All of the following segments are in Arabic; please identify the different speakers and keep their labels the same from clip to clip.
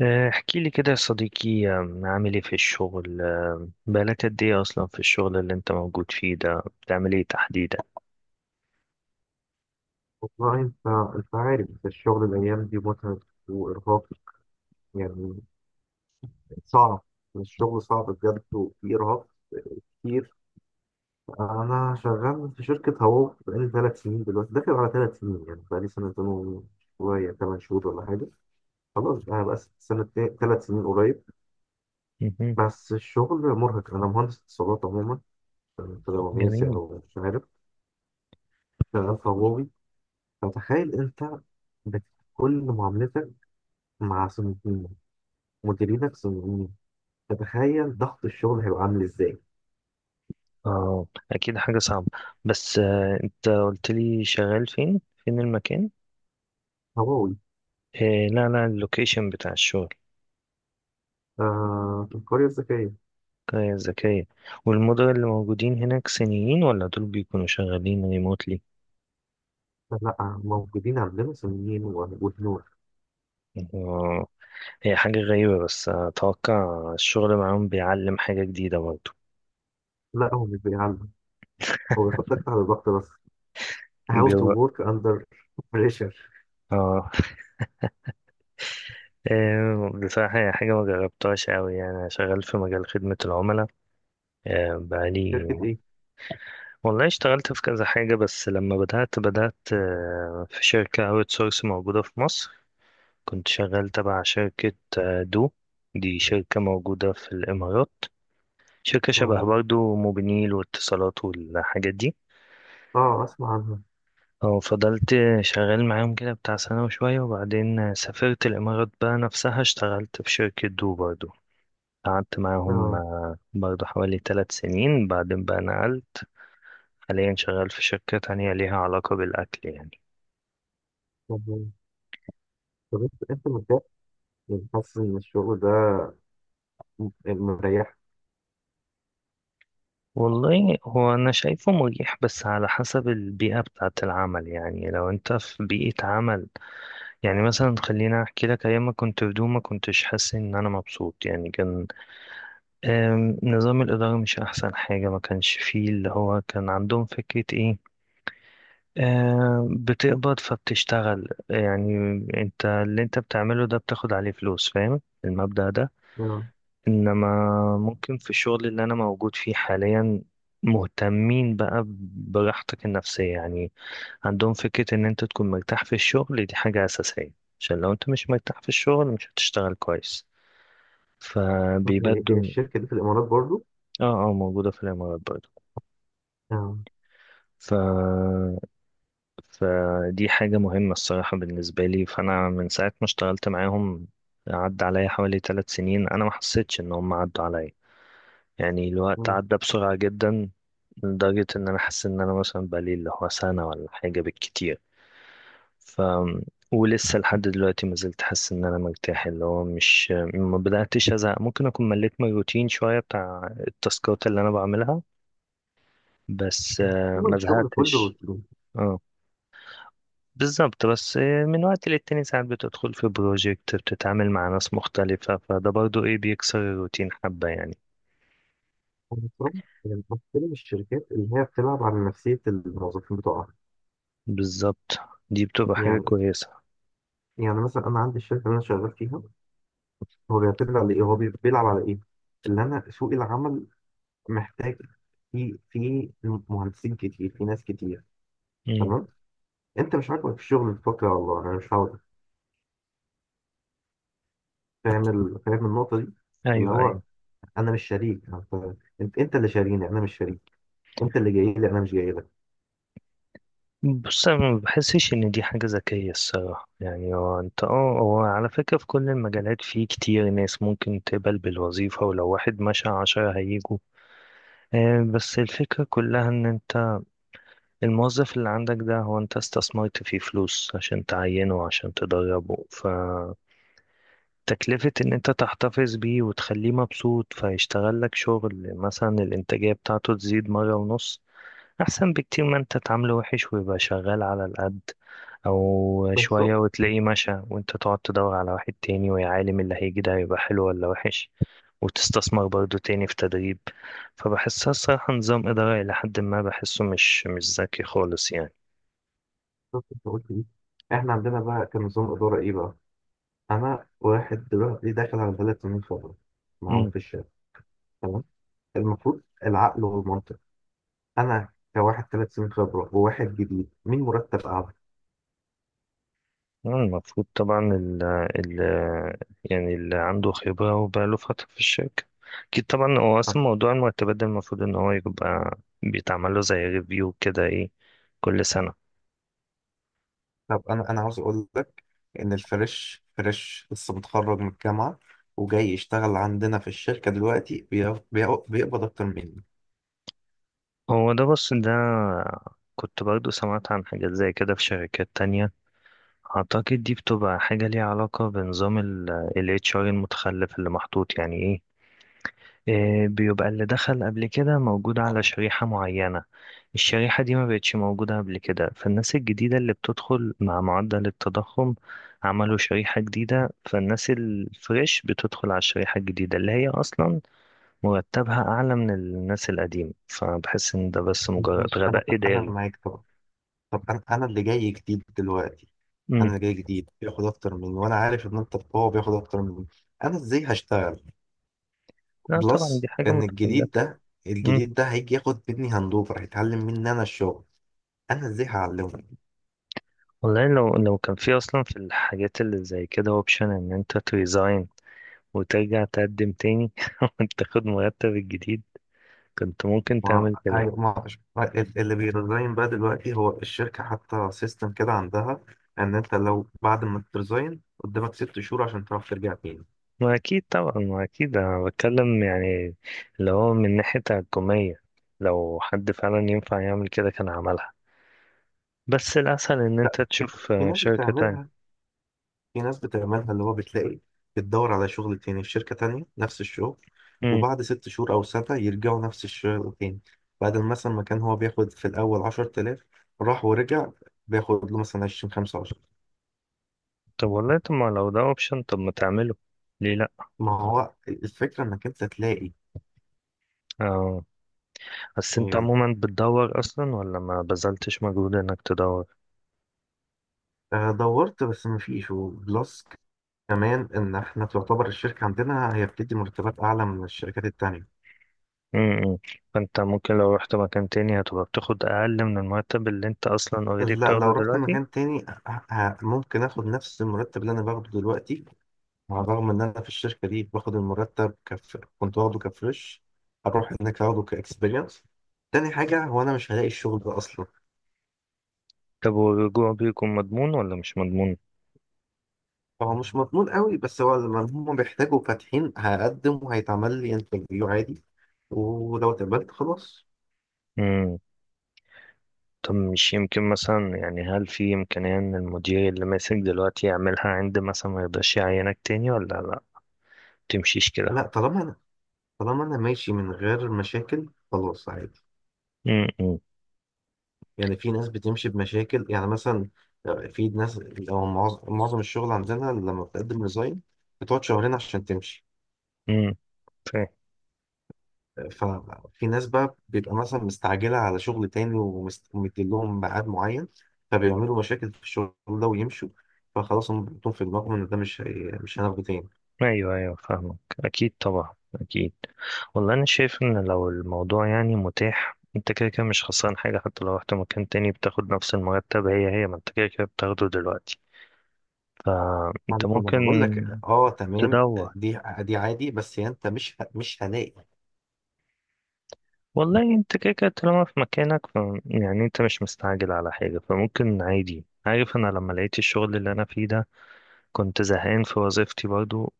Speaker 1: احكي لي كده يا صديقي، عامل ايه في الشغل؟ بقالك قد ايه اصلا في الشغل اللي انت موجود فيه ده؟ بتعمل ايه تحديدا؟
Speaker 2: والله. انت عارف الشغل الايام دي متعب وارهاق، يعني صعب. الشغل صعب بجد، وفي ارهاق كتير. انا شغال في شركه هواو بقالي ثلاث سنين، دلوقتي داخل على ثلاث سنين، يعني بقالي سنتين وشويه، ثمان شهور ولا حاجه. خلاص بقى بقى سنه، ثلاث سنين قريب.
Speaker 1: مهم.
Speaker 2: بس الشغل مرهق، انا مهندس اتصالات عموما، بيزنس
Speaker 1: جميل.
Speaker 2: او مش عارف، شغال في هواوي. فتخيل انت، بت- كل معاملتك مع صندوقين، مديرينك صندوقين، تتخيل ضغط الشغل هيبقى عامل ازاي؟
Speaker 1: اه، اكيد حاجة صعبة. بس انت قلت لي شغال فين؟ فين المكان؟
Speaker 2: هواوي.
Speaker 1: لا لا، اللوكيشن بتاع الشغل.
Speaker 2: آه، في القرية الذكية.
Speaker 1: كويس، ذكية. والمدراء اللي موجودين هناك صينيين ولا دول بيكونوا شغالين ريموتلي؟
Speaker 2: لا، موجودين عندنا صينيين وهنود.
Speaker 1: اه. هي حاجة غريبة بس أتوقع الشغل معاهم بيعلم حاجة جديدة برضه.
Speaker 2: لا، هو مش بيعلم، هو بيحطك تحت ضغط بس. How to
Speaker 1: بيو...
Speaker 2: work under pressure.
Speaker 1: اه. بصراحة هي حاجة ما جربتهاش أوي، يعني أنا شغال في مجال خدمة العملاء. آه، بقالي
Speaker 2: شركة ايه؟
Speaker 1: والله اشتغلت في كذا حاجة، بس لما بدأت في شركة أوت سورس موجودة في مصر. كنت شغال تبع شركة، دو. دي شركة موجودة في الإمارات، شركة شبه
Speaker 2: اه،
Speaker 1: برضو موبينيل واتصالات والحاجات دي.
Speaker 2: اه، اسمع عنها.
Speaker 1: فضلت شغال معاهم كده بتاع سنة وشوية، وبعدين سافرت الإمارات بقى نفسها، اشتغلت في شركة دو برضو. قعدت معاهم
Speaker 2: اه.
Speaker 1: برضه حوالي 3 سنين، بعدين بقى نقلت. حاليا شغال في شركة تانية ليها علاقة بالأكل يعني.
Speaker 2: طب طب، انت متضايق، يعني حاسس ان الشغل ده مريح؟
Speaker 1: والله هو أنا شايفه مريح بس على حسب البيئة بتاعة العمل. يعني لو أنت في بيئة عمل، يعني مثلا خلينا أحكي لك، أيام ما كنت في دوما كنتش حاسس إن أنا مبسوط. يعني كان نظام الإدارة مش أحسن حاجة. ما كانش فيه اللي هو كان عندهم فكرة إيه، بتقبض فبتشتغل يعني. انت اللي انت بتعمله ده بتاخد عليه فلوس، فاهم المبدأ ده؟
Speaker 2: اه،
Speaker 1: انما ممكن في الشغل اللي انا موجود فيه حاليا مهتمين بقى براحتك النفسية يعني. عندهم فكرة ان انت تكون مرتاح في الشغل، دي حاجة اساسية، عشان لو انت مش مرتاح في الشغل مش هتشتغل كويس،
Speaker 2: هي
Speaker 1: فبيبدوا.
Speaker 2: الشركة دي في الامارات برضو؟
Speaker 1: اه، اه، موجودة في الامارات برضه.
Speaker 2: اه.
Speaker 1: ف فدي حاجة مهمة الصراحة بالنسبة لي، فأنا من ساعة ما اشتغلت معاهم عدى عليا حوالي 3 سنين. أنا ما حسيتش إن هم عدوا عليا، يعني الوقت
Speaker 2: مم.
Speaker 1: عدى بسرعة جدا، لدرجة إن أنا حاسس إن أنا مثلا بقالي اللي هو سنة ولا حاجة بالكتير. ف ولسه لحد دلوقتي ما زلت حاسس إن أنا مرتاح، اللي هو مش، ما بدأتش أزهق. ممكن أكون مليت من الروتين شوية، بتاع التاسكات اللي أنا بعملها، بس
Speaker 2: هو
Speaker 1: ما
Speaker 2: الشغل كله
Speaker 1: زهقتش.
Speaker 2: روتين.
Speaker 1: آه. بالظبط. بس من وقت للتاني ساعات بتدخل في بروجكت بتتعامل مع ناس مختلفة، فده برضو ايه بيكسر الروتين حبة يعني.
Speaker 2: أنا بصراحة يعني بحترم الشركات اللي هي بتلعب على نفسية الموظفين بتوعها.
Speaker 1: بالظبط، دي بتبقى حاجة
Speaker 2: يعني
Speaker 1: كويسة.
Speaker 2: يعني مثلا، انا عندي الشركه اللي انا شغال فيها، هو بيعتمد على ايه، هو بيلعب على ايه؟ اللي انا، سوق العمل محتاج في مهندسين كتير، في ناس كتير،
Speaker 1: مم.
Speaker 2: تمام. انت مش عاجبك في الشغل الفتره، والله انا مش عاوز. فاهم النقطه دي، اللي
Speaker 1: ايوه، ايوه.
Speaker 2: هو انا مش شريك. انت اللي شاريني، انا مش شريك. انت اللي جاي لي، انا مش جاي لك.
Speaker 1: بص انا ما بحسش ان دي حاجة ذكية الصراحة، يعني هو انت اه، هو على فكرة في كل المجالات في كتير ناس ممكن تقبل بالوظيفة، ولو واحد مشى 10 هيجوا. بس الفكرة كلها ان انت الموظف اللي عندك ده هو انت استثمرت فيه فلوس عشان تعينه، عشان تدربه. تكلفة إن أنت تحتفظ بيه وتخليه مبسوط فيشتغل لك شغل، مثلا الإنتاجية بتاعته تزيد مرة ونص، أحسن بكتير ما أنت تعامله وحش ويبقى شغال على القد أو شوية
Speaker 2: بالظبط.
Speaker 1: وتلاقيه مشى وأنت تقعد تدور على واحد تاني، ويا عالم اللي هيجي ده هيبقى حلو ولا وحش، وتستثمر برضه تاني في تدريب. فبحسها الصراحة نظام إدارة إلى حد ما بحسه مش ذكي خالص.
Speaker 2: بالظبط انت قلت ايه؟ احنا عندنا بقى كان نظام اداره ايه بقى؟ انا واحد دلوقتي داخل على ثلاث سنين خبره معاهم
Speaker 1: يعني
Speaker 2: في الشركه، المفروض، العقل والمنطق، انا كواحد ثلاث سنين خبره وواحد جديد، مين مرتب اعلى؟
Speaker 1: المفروض طبعا ال ال يعني اللي عنده خبرة وبقاله فترة في الشركة أكيد طبعا. هو
Speaker 2: طب
Speaker 1: أصلا موضوع المرتبات ده المفروض إن هو يبقى بيتعمل له زي ريفيو كده، إيه، كل سنة.
Speaker 2: طب، انا عاوز اقول لك ان فريش لسه متخرج من الجامعه، وجاي يشتغل عندنا في الشركه دلوقتي، بيقبض اكتر مني.
Speaker 1: هو ده، بص ده كنت برضو سمعت عن حاجات زي كده في شركات تانية. أعتقد دي بتبقى حاجة ليها علاقة بنظام ال HR المتخلف اللي محطوط، يعني إيه، بيبقى اللي دخل قبل كده موجود على شريحة معينة، الشريحة دي ما بقتش موجودة قبل كده، فالناس الجديدة اللي بتدخل مع معدل التضخم عملوا شريحة جديدة، فالناس الفريش بتدخل على الشريحة الجديدة اللي هي أصلا مرتبها أعلى من الناس القديمة. فبحس إن ده بس مجرد
Speaker 2: ماشي. انا
Speaker 1: غباء
Speaker 2: انا
Speaker 1: إداري.
Speaker 2: معاك طبعا. طب، انا اللي جاي جديد دلوقتي، انا
Speaker 1: مم.
Speaker 2: اللي جاي جديد بياخد اكتر مني، وانا عارف ان انت هو بياخد اكتر مني. انا ازاي هشتغل؟
Speaker 1: لا طبعا، دي
Speaker 2: بلس
Speaker 1: حاجة
Speaker 2: ان
Speaker 1: متخلفة.
Speaker 2: الجديد ده
Speaker 1: مم.
Speaker 2: الجديد ده هيجي ياخد مني هاندوفر، هيتعلم مني انا الشغل، انا ازاي هعلمه؟
Speaker 1: والله لو كان في أصلا في الحاجات اللي زي كده أوبشن إن أنت تريزاين وترجع تقدم تاني وتاخد مرتب الجديد، كنت ممكن
Speaker 2: ما
Speaker 1: تعمل كده.
Speaker 2: أيوة، ما اللي بيرزاين بقى دلوقتي، هو الشركه حتى سيستم كده عندها ان انت لو بعد ما ترزاين قدامك ست شهور عشان تعرف ترجع تاني.
Speaker 1: ما أكيد طبعا، ما أكيد، أنا بتكلم يعني اللي هو من ناحية تحكمية. لو حد فعلا ينفع يعمل كده كان عملها. بس الأسهل إن
Speaker 2: لا،
Speaker 1: أنت
Speaker 2: في
Speaker 1: تشوف
Speaker 2: في ناس
Speaker 1: شركة تانية.
Speaker 2: بتعملها في ناس بتعملها اللي هو بتلاقي، بتدور على شغل تاني في شركه تانيه نفس الشغل،
Speaker 1: مم.
Speaker 2: وبعد ست شهور او سنه يرجعوا نفس الشغل تاني. بدل مثلا ما كان هو بياخد في الاول 10000، راح ورجع بياخد له مثلا 20 25.
Speaker 1: طب والله، طب ما لو ده أوبشن طب ما تعمله، ليه لأ؟
Speaker 2: ما هو الفكره انك انت تلاقي.
Speaker 1: آه. بس أنت عموما بتدور أصلا ولا ما بذلتش مجهود إنك تدور؟
Speaker 2: آه، دورت بس مفيش. وبلس كمان ان احنا تعتبر الشركة عندنا هي بتدي مرتبات اعلى من الشركات التانية.
Speaker 1: امم فانت ممكن لو رحت مكان تاني هتبقى بتاخد اقل من المرتب اللي انت اصلا اوريدي
Speaker 2: لا،
Speaker 1: بتاخده
Speaker 2: لو رحت
Speaker 1: دلوقتي.
Speaker 2: مكان تاني ممكن اخد نفس المرتب اللي انا باخده دلوقتي، على الرغم ان انا في الشركة دي باخد المرتب، كنت واخده كفريش، اروح هناك اخده كاكسبيرينس. تاني حاجة، هو انا مش هلاقي الشغل ده اصلا.
Speaker 1: طب والرجوع بيكون مضمون ولا مش مضمون؟
Speaker 2: هو مش مضمون قوي، بس هو لما هم بيحتاجوا فاتحين هقدم وهيتعمل لي انترفيو عادي، ولو اتقبلت خلاص.
Speaker 1: امم طب مش يمكن مثلا، يعني هل في امكانية ان المدير اللي ماسك دلوقتي يعملها عند، مثلا ما يقدرش يعينك تاني ولا لا تمشيش كده؟
Speaker 2: لا، طالما انا ماشي من غير مشاكل، خلاص عادي.
Speaker 1: امم.
Speaker 2: يعني في ناس بتمشي بمشاكل، يعني مثلا، آه، في ناس لو معظم الشغل عندنا لما بتقدم ريزاين بتقعد شهرين عشان تمشي.
Speaker 1: امم.
Speaker 2: ففي ناس بقى بيبقى مثلا مستعجلة على شغل تاني، ومديلهم ميعاد معين، فبيعملوا مشاكل في الشغل ده ويمشوا، فخلاص هم بيحطوهم في دماغهم ان ده مش هناخده تاني.
Speaker 1: ايوه، ايوه، فاهمك. اكيد طبعا، اكيد. والله انا شايف ان لو الموضوع يعني متاح، انت كده كده مش خسران حاجه، حتى لو رحت مكان تاني بتاخد نفس المرتب هي هي، ما انت كده كده بتاخده دلوقتي،
Speaker 2: ما
Speaker 1: فانت
Speaker 2: انا ما أنا
Speaker 1: ممكن
Speaker 2: بقول لك، اه، تمام،
Speaker 1: تدور.
Speaker 2: دي عادي، بس يعني انت مش هلاقي.
Speaker 1: والله انت كده كده طالما في مكانك يعني انت مش مستعجل على حاجه فممكن عادي. عارف انا لما لقيت الشغل اللي انا فيه ده كنت زهقان في وظيفتي برضو،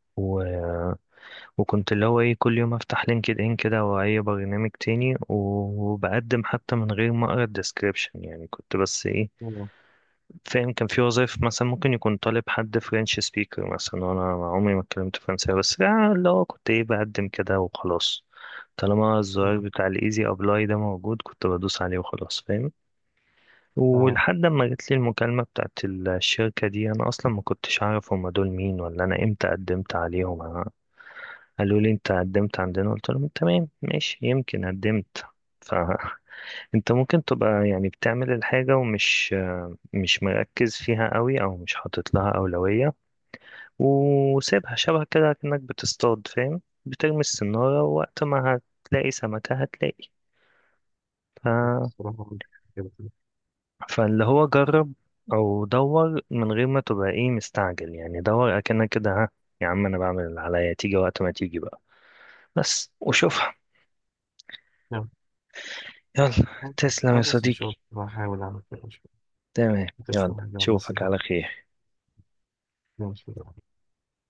Speaker 1: وكنت اللي هو ايه كل يوم افتح لينكد ان كده او اي برنامج تاني و- وبقدم حتى من غير ما اقرا الديسكريبشن، يعني كنت بس ايه،
Speaker 2: اه.
Speaker 1: فاهم. كان في وظائف مثلا ممكن يكون طالب حد فرنش سبيكر مثلا، وانا عمري ما اتكلمت فرنساوي، بس اللي هو كنت ايه بقدم كده وخلاص. طالما الزرار
Speaker 2: آه،
Speaker 1: بتاع الايزي ابلاي ده موجود كنت بدوس عليه وخلاص، فاهم؟
Speaker 2: آه.
Speaker 1: ولحد ما جت لي المكالمة بتاعت الشركة دي انا اصلا ما كنتش اعرف هما دول مين ولا انا امتى قدمت عليهم. قالوا لي انت قدمت عندنا، قلت لهم تمام ماشي، يمكن قدمت. فانت ممكن تبقى يعني بتعمل الحاجة ومش مش مركز فيها قوي او مش حاطط لها أولوية، وسيبها شبه كده كأنك بتصطاد، فاهم؟ بترمي السنارة ووقت ما هتلاقي سمكة هتلاقي. ف...
Speaker 2: الصراحة كنت كده كده.
Speaker 1: فاللي هو جرب او دور من غير ما تبقى ايه مستعجل، يعني دور اكنك كده، ها يا عم، انا بعمل اللي عليا تيجي وقت ما تيجي بقى. بس وشوفها.
Speaker 2: نعم.
Speaker 1: يلا، تسلم يا
Speaker 2: خلاص إن شاء
Speaker 1: صديقي.
Speaker 2: الله هحاول أعمل كده، إن شاء
Speaker 1: تمام.
Speaker 2: الله.
Speaker 1: يلا،
Speaker 2: تسلم يا
Speaker 1: اشوفك
Speaker 2: نصيحة.
Speaker 1: على خير.
Speaker 2: ماشي.